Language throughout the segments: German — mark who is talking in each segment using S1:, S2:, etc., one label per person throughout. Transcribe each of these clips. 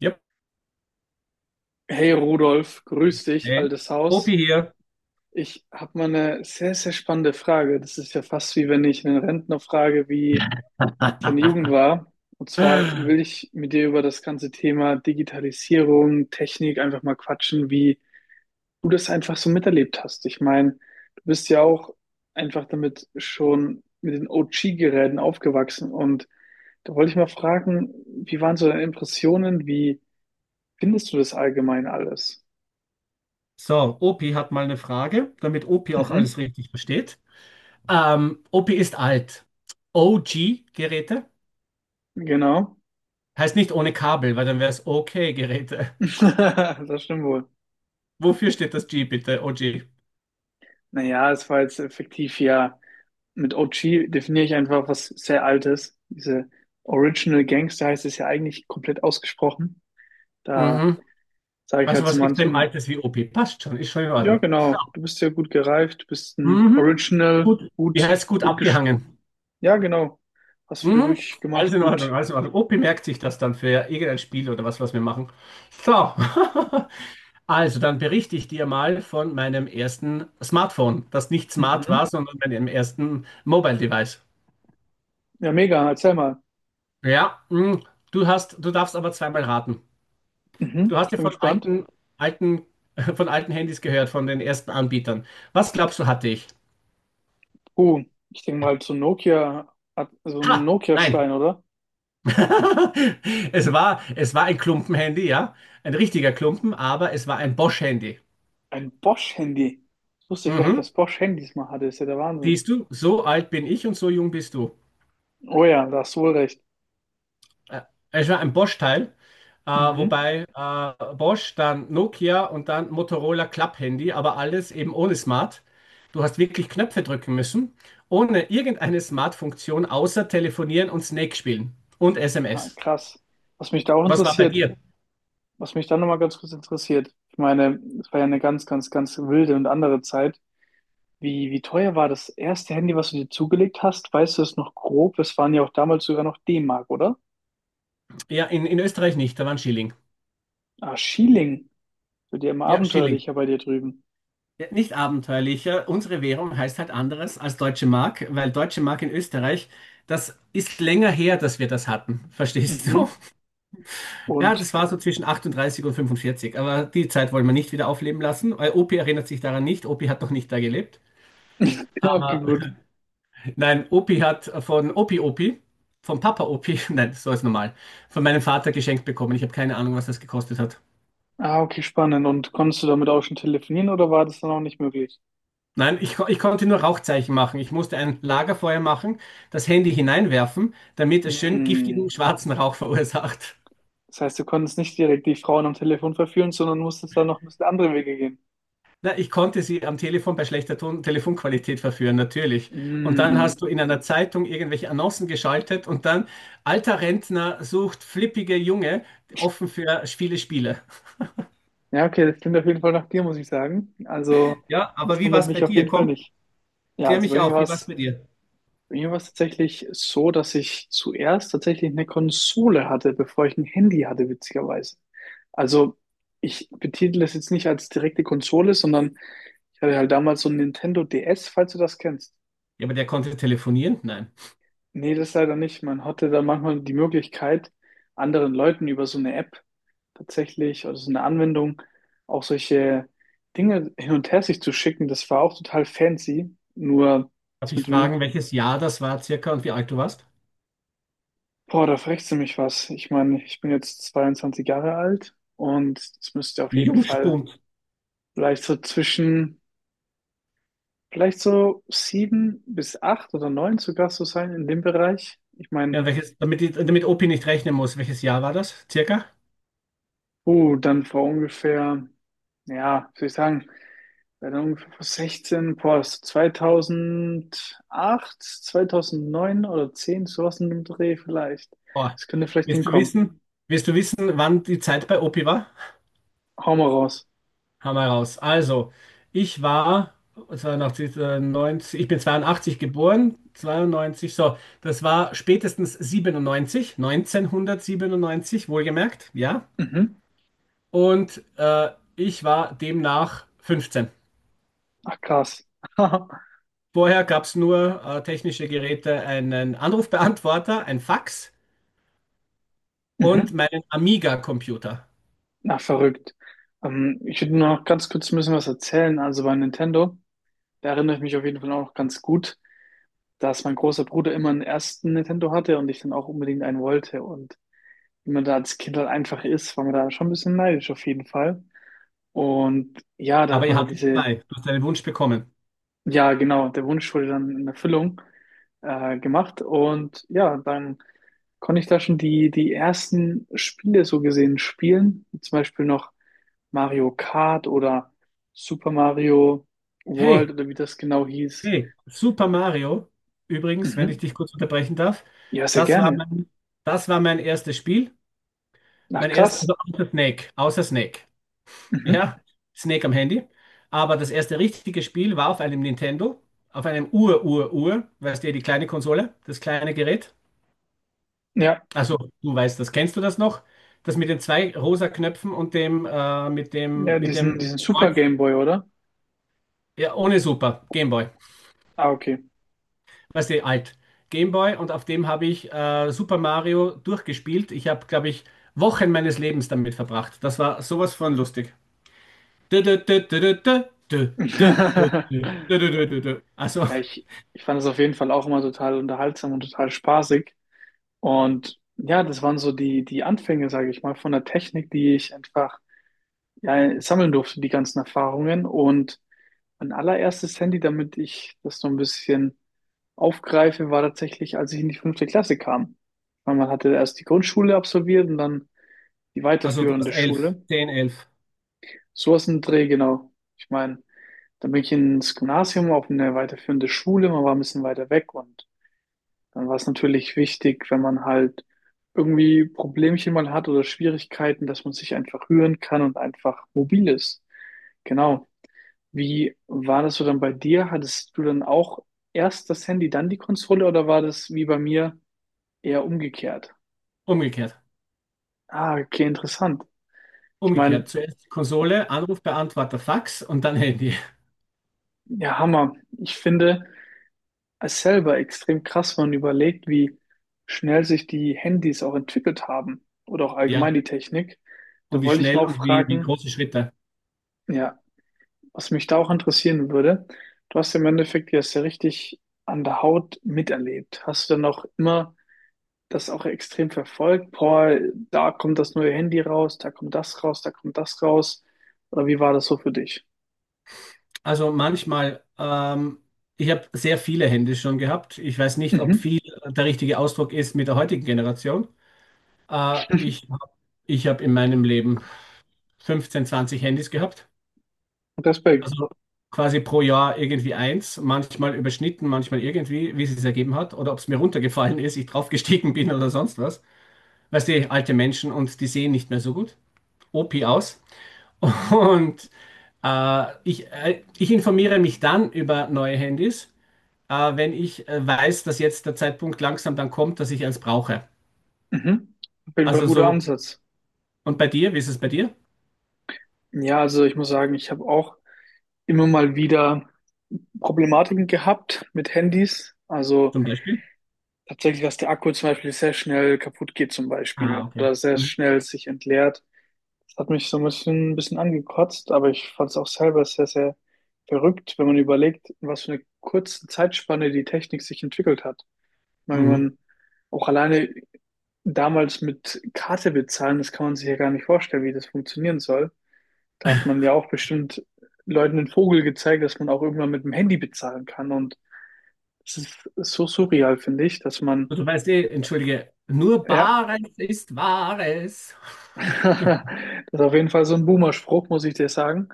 S1: Yep.
S2: Hey Rudolf, grüß dich,
S1: Hey.
S2: altes Haus.
S1: Opi hier.
S2: Ich habe mal eine sehr, sehr spannende Frage. Das ist ja fast, wie wenn ich einen Rentner frage, wie seine Jugend war. Und zwar will ich mit dir über das ganze Thema Digitalisierung, Technik einfach mal quatschen, wie du das einfach so miterlebt hast. Ich meine, du bist ja auch einfach damit schon mit den OG-Geräten aufgewachsen. Und da wollte ich mal fragen, wie waren so deine Impressionen? Wie findest du das allgemein alles?
S1: So, Opi hat mal eine Frage, damit Opi auch
S2: Mhm,
S1: alles richtig versteht. Opi ist alt. OG-Geräte?
S2: genau.
S1: Heißt nicht ohne Kabel, weil dann wäre es OK-Geräte.
S2: Das stimmt wohl.
S1: Wofür steht das G bitte? OG.
S2: Naja, es war jetzt effektiv ja. Mit OG definiere ich einfach was sehr Altes. Diese Original Gangster heißt es ja eigentlich komplett ausgesprochen. Da
S1: Mhm.
S2: sage ich
S1: Also
S2: halt zu
S1: was extrem
S2: manchen:
S1: Altes wie Opi. Passt schon, ist schon in
S2: ja
S1: Ordnung. Ja.
S2: genau, du bist ja gut gereift, du bist ein
S1: Mhm.
S2: Original,
S1: Gut. Wie
S2: gut,
S1: heißt gut
S2: gut gesch...
S1: abgehangen?
S2: Ja genau, hast viel
S1: Mhm. Alles
S2: durchgemacht,
S1: in Ordnung,
S2: gut.
S1: alles in Ordnung. Opi merkt sich das dann für irgendein Spiel oder was, was wir machen. So, also dann berichte ich dir mal von meinem ersten Smartphone, das nicht smart
S2: Mhm.
S1: war, sondern meinem ersten Mobile Device.
S2: Ja, mega, erzähl mal.
S1: Ja, du darfst aber zweimal raten.
S2: Mhm.
S1: Du hast
S2: Ich
S1: ja
S2: bin
S1: von
S2: gespannt.
S1: alten, von alten Handys gehört, von den ersten Anbietern. Was glaubst du, hatte ich?
S2: Oh, ich denke mal zu Nokia, so ein
S1: Ha, nein.
S2: Nokia-Stein, oder?
S1: Es war ein Klumpenhandy, ja. Ein richtiger Klumpen, aber es war ein Bosch-Handy.
S2: Ein Bosch-Handy. Ich wusste gar nicht, dass
S1: Mhm.
S2: Bosch Handys mal hatte. Ist ja der Wahnsinn.
S1: Siehst du, so alt bin ich und so jung bist du.
S2: Oh ja, da hast du wohl recht.
S1: Äh, Es war ein Bosch-Teil,
S2: Mhm.
S1: wobei Bosch, dann Nokia und dann Motorola Club-Handy, aber alles eben ohne Smart. Du hast wirklich Knöpfe drücken müssen, ohne irgendeine Smart-Funktion, außer telefonieren und Snake spielen und
S2: Ah,
S1: SMS.
S2: krass. Was mich da auch
S1: Was war bei
S2: interessiert,
S1: dir?
S2: was mich da nochmal ganz kurz interessiert, ich meine, es war ja eine ganz, ganz, ganz wilde und andere Zeit. Wie teuer war das erste Handy, was du dir zugelegt hast? Weißt du es noch grob? Es waren ja auch damals sogar noch D-Mark, oder?
S1: Ja, in Österreich nicht, da waren Schilling.
S2: Ah, Schieling. Wird ja immer
S1: Ja, Schilling.
S2: abenteuerlicher bei dir drüben.
S1: Ja, nicht abenteuerlicher. Unsere Währung heißt halt anderes als Deutsche Mark, weil Deutsche Mark in Österreich, das ist länger her, dass wir das hatten. Verstehst du?
S2: Mhm.
S1: Ja,
S2: Und,
S1: das war so zwischen 38 und 45. Aber die Zeit wollen wir nicht wieder aufleben lassen. Weil Opi erinnert sich daran nicht. Opi hat noch nicht da gelebt.
S2: okay,
S1: Aber
S2: gut.
S1: nein, Opi hat von Opi Opi, von Papa Opi, nein, so ist normal, von meinem Vater geschenkt bekommen. Ich habe keine Ahnung, was das gekostet hat.
S2: Ah, okay, spannend. Und konntest du damit auch schon telefonieren oder war das dann auch nicht möglich?
S1: Nein, ich konnte nur Rauchzeichen machen. Ich musste ein Lagerfeuer machen, das Handy hineinwerfen, damit es schön
S2: Hm.
S1: giftigen schwarzen Rauch verursacht.
S2: Das heißt, du konntest nicht direkt die Frauen am Telefon verführen, sondern musstest da noch ein bisschen andere Wege gehen.
S1: Na, ich konnte sie am Telefon bei schlechter Ton Telefonqualität verführen, natürlich. Und dann
S2: Hm.
S1: hast du in einer Zeitung irgendwelche Annoncen geschaltet und dann alter Rentner sucht flippige Junge, offen für viele Spiele.
S2: Ja, okay, das klingt auf jeden Fall nach dir, muss ich sagen. Also,
S1: Ja, aber
S2: das
S1: wie war
S2: wundert
S1: es bei
S2: mich auf
S1: dir?
S2: jeden Fall
S1: Komm,
S2: nicht. Ja,
S1: klär
S2: also bei
S1: mich
S2: mir
S1: auf,
S2: war
S1: wie war es
S2: es,
S1: bei dir?
S2: bei mir war es tatsächlich so, dass ich zuerst tatsächlich eine Konsole hatte, bevor ich ein Handy hatte, witzigerweise. Also, ich betitel das jetzt nicht als direkte Konsole, sondern ich hatte halt damals so ein Nintendo DS, falls du das kennst.
S1: Ja, aber der konnte telefonieren? Nein.
S2: Nee, das leider nicht. Man hatte da manchmal die Möglichkeit, anderen Leuten über so eine App tatsächlich oder so eine Anwendung auch solche Dinge hin und her sich zu schicken. Das war auch total fancy. Nur
S1: Darf
S2: das
S1: ich
S2: mit dem,
S1: fragen, welches Jahr das war circa und wie alt du warst?
S2: boah, da frechst du mich was. Ich meine, ich bin jetzt 22 Jahre alt und es müsste auf jeden Fall
S1: Jungspund.
S2: vielleicht so zwischen, vielleicht so sieben bis acht oder neun sogar so sein in dem Bereich. Ich meine,
S1: Ja, damit OP nicht rechnen muss, welches Jahr war das? Circa?
S2: dann vor ungefähr, ja, wie soll ich sagen, Bei der ungefähr vor 16, boah, das ist 2008, 2009 oder 10, sowas in dem Dreh vielleicht.
S1: Boah.
S2: Das könnte vielleicht
S1: Willst du
S2: hinkommen.
S1: wissen, willst du wissen, wann die Zeit bei OP war?
S2: Hau mal raus.
S1: Haben wir raus. Also, ich war 92, äh, 90, ich bin 82 geboren, 92 so, das war spätestens 1997, wohlgemerkt, ja.
S2: Mhm.
S1: Und ich war demnach 15.
S2: Ach, krass.
S1: Vorher gab es nur technische Geräte, einen Anrufbeantworter, ein Fax und
S2: Mhm.
S1: meinen Amiga-Computer.
S2: Na, verrückt. Ich würde nur noch ganz kurz ein bisschen was erzählen. Also bei Nintendo, da erinnere ich mich auf jeden Fall auch noch ganz gut, dass mein großer Bruder immer einen ersten Nintendo hatte und ich dann auch unbedingt einen wollte. Und wie man da als Kind halt einfach ist, war man da schon ein bisschen neidisch auf jeden Fall. Und ja, da hat
S1: Aber ihr
S2: man halt
S1: hattet
S2: diese
S1: zwei. Du hast deinen Wunsch bekommen.
S2: Ja, genau. Der Wunsch wurde dann in Erfüllung gemacht. Und ja, dann konnte ich da schon die ersten Spiele so gesehen spielen. Wie zum Beispiel noch Mario Kart oder Super Mario World
S1: Hey,
S2: oder wie das genau hieß.
S1: hey, Super Mario, übrigens, wenn ich
S2: Mhm.
S1: dich kurz unterbrechen darf,
S2: Ja, sehr
S1: das war
S2: gerne.
S1: mein, das war mein erstes Spiel.
S2: Ach,
S1: Mein erstes,
S2: krass.
S1: also außer Snake.
S2: Mhm.
S1: Ja, Snake am Handy. Aber das erste richtige Spiel war auf einem Nintendo, auf einem Ur-Ur-Ur, weißt du, die kleine Konsole, das kleine Gerät.
S2: Ja,
S1: Also, du weißt das. Kennst du das noch? Das mit den zwei rosa Knöpfen und
S2: ja,
S1: mit
S2: diesen,
S1: dem
S2: diesen Super
S1: Kreuz?
S2: Game Boy, oder?
S1: Ja, ohne Super. Gameboy.
S2: Ah, okay.
S1: Weißt du, alt. Gameboy und auf dem habe ich Super Mario durchgespielt. Ich habe, glaube ich, Wochen meines Lebens damit verbracht. Das war sowas von lustig. Dö, dö, dö, dö, dö, dö, dö, dö, dö, dö, dö, dö, dö, dö, dö.
S2: Ja, ich fand es auf jeden Fall auch immer total unterhaltsam und total spaßig. Und ja, das waren so die Anfänge, sage ich mal, von der Technik, die ich einfach, ja, sammeln durfte, die ganzen Erfahrungen. Und mein allererstes Handy, damit ich das so ein bisschen aufgreife, war tatsächlich, als ich in die fünfte Klasse kam. Weil man hatte erst die Grundschule absolviert und dann die
S1: Also du warst
S2: weiterführende Schule.
S1: zehn, elf.
S2: Sowas in den Dreh, genau. Ich meine, dann bin ich ins Gymnasium auf eine weiterführende Schule, man war ein bisschen weiter weg und dann war es natürlich wichtig, wenn man halt irgendwie Problemchen mal hat oder Schwierigkeiten, dass man sich einfach rühren kann und einfach mobil ist. Genau. Wie war das so dann bei dir? Hattest du dann auch erst das Handy, dann die Konsole oder war das wie bei mir eher umgekehrt?
S1: Umgekehrt.
S2: Ah, okay, interessant. Ich
S1: Umgekehrt.
S2: meine,
S1: Zuerst Konsole, Anrufbeantworter, Fax und dann Handy.
S2: ja, Hammer. Ich finde es selber extrem krass, wenn man überlegt, wie schnell sich die Handys auch entwickelt haben oder auch
S1: Ja.
S2: allgemein die Technik.
S1: Und
S2: Da
S1: wie
S2: wollte ich mal
S1: schnell
S2: auch
S1: und wie, wie
S2: fragen,
S1: große Schritte.
S2: ja, was mich da auch interessieren würde: du hast im Endeffekt ja es ja richtig an der Haut miterlebt. Hast du dann auch immer das auch extrem verfolgt? Boah, da kommt das neue Handy raus, da kommt das raus, da kommt das raus. Oder wie war das so für dich?
S1: Also manchmal, ich habe sehr viele Hände schon gehabt. Ich weiß nicht, ob
S2: Mhm.
S1: viel der richtige Ausdruck ist mit der heutigen Generation. Äh, ich hab- ich habe in meinem Leben 15, 20 Handys gehabt.
S2: Respekt.
S1: Also quasi pro Jahr irgendwie eins, manchmal überschnitten, manchmal irgendwie, wie es sich ergeben hat. Oder ob es mir runtergefallen ist, ich draufgestiegen bin oder sonst was. Weißt du, alte Menschen und die sehen nicht mehr so gut. OP aus. Und ich informiere mich dann über neue Handys, wenn ich weiß, dass jetzt der Zeitpunkt langsam dann kommt, dass ich eins brauche.
S2: Mhm. Auf jeden Fall
S1: Also
S2: guter
S1: so,
S2: Ansatz.
S1: und bei dir, wie ist es bei dir
S2: Ja, also ich muss sagen, ich habe auch immer mal wieder Problematiken gehabt mit Handys. Also
S1: zum Beispiel?
S2: tatsächlich, dass der Akku zum Beispiel sehr schnell kaputt geht zum
S1: Ah,
S2: Beispiel
S1: okay.
S2: oder sehr
S1: Mhm.
S2: schnell sich entleert. Das hat mich so ein bisschen angekotzt, aber ich fand es auch selber sehr, sehr verrückt, wenn man überlegt, in was für eine kurze Zeitspanne die Technik sich entwickelt hat. Ich meine, wenn
S1: Mhm.
S2: man auch alleine damals mit Karte bezahlen, das kann man sich ja gar nicht vorstellen, wie das funktionieren soll. Da hat man ja auch bestimmt Leuten den Vogel gezeigt, dass man auch irgendwann mit dem Handy bezahlen kann. Und das ist so surreal, finde ich, dass man
S1: Du weißt eh, entschuldige, nur
S2: ja...
S1: Bares ist Wahres.
S2: Das ist auf jeden Fall so ein Boomer-Spruch, muss ich dir sagen.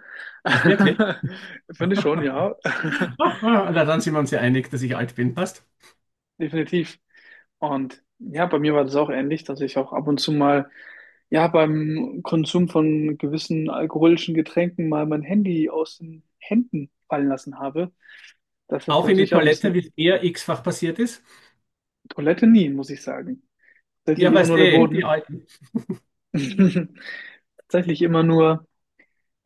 S1: Ach, wirklich?
S2: Finde ich schon, ja.
S1: Na, dann sind wir uns ja einig, dass ich alt bin, passt.
S2: Definitiv. Und ja, bei mir war das auch ähnlich, dass ich auch ab und zu mal, ja, beim Konsum von gewissen alkoholischen Getränken mal mein Handy aus den Händen fallen lassen habe. Das ist
S1: Auch in die
S2: natürlich auch ein
S1: Toilette,
S2: bisschen...
S1: wie es eher x-fach passiert ist.
S2: Toilette nie, muss ich sagen. Tatsächlich
S1: Ja,
S2: immer
S1: weißt
S2: nur der
S1: eh, die
S2: Boden.
S1: alten.
S2: Tatsächlich immer nur.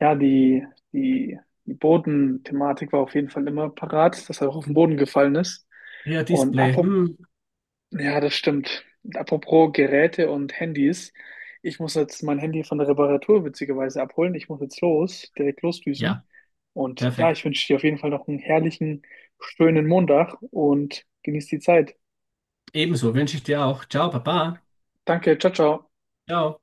S2: Ja, die, die Bodenthematik war auf jeden Fall immer parat, dass er auch auf den Boden gefallen ist.
S1: Ja,
S2: Und
S1: Display.
S2: apropos,
S1: Hm.
S2: ja, das stimmt. Und apropos Geräte und Handys. Ich muss jetzt mein Handy von der Reparatur witzigerweise abholen. Ich muss jetzt los, direkt
S1: Ja,
S2: losdüsen. Und ja, ich
S1: perfekt.
S2: wünsche dir auf jeden Fall noch einen herrlichen, schönen Montag und genieß die Zeit.
S1: Ebenso wünsche ich dir auch. Ciao, Papa.
S2: Danke, ciao, ciao.
S1: Ciao.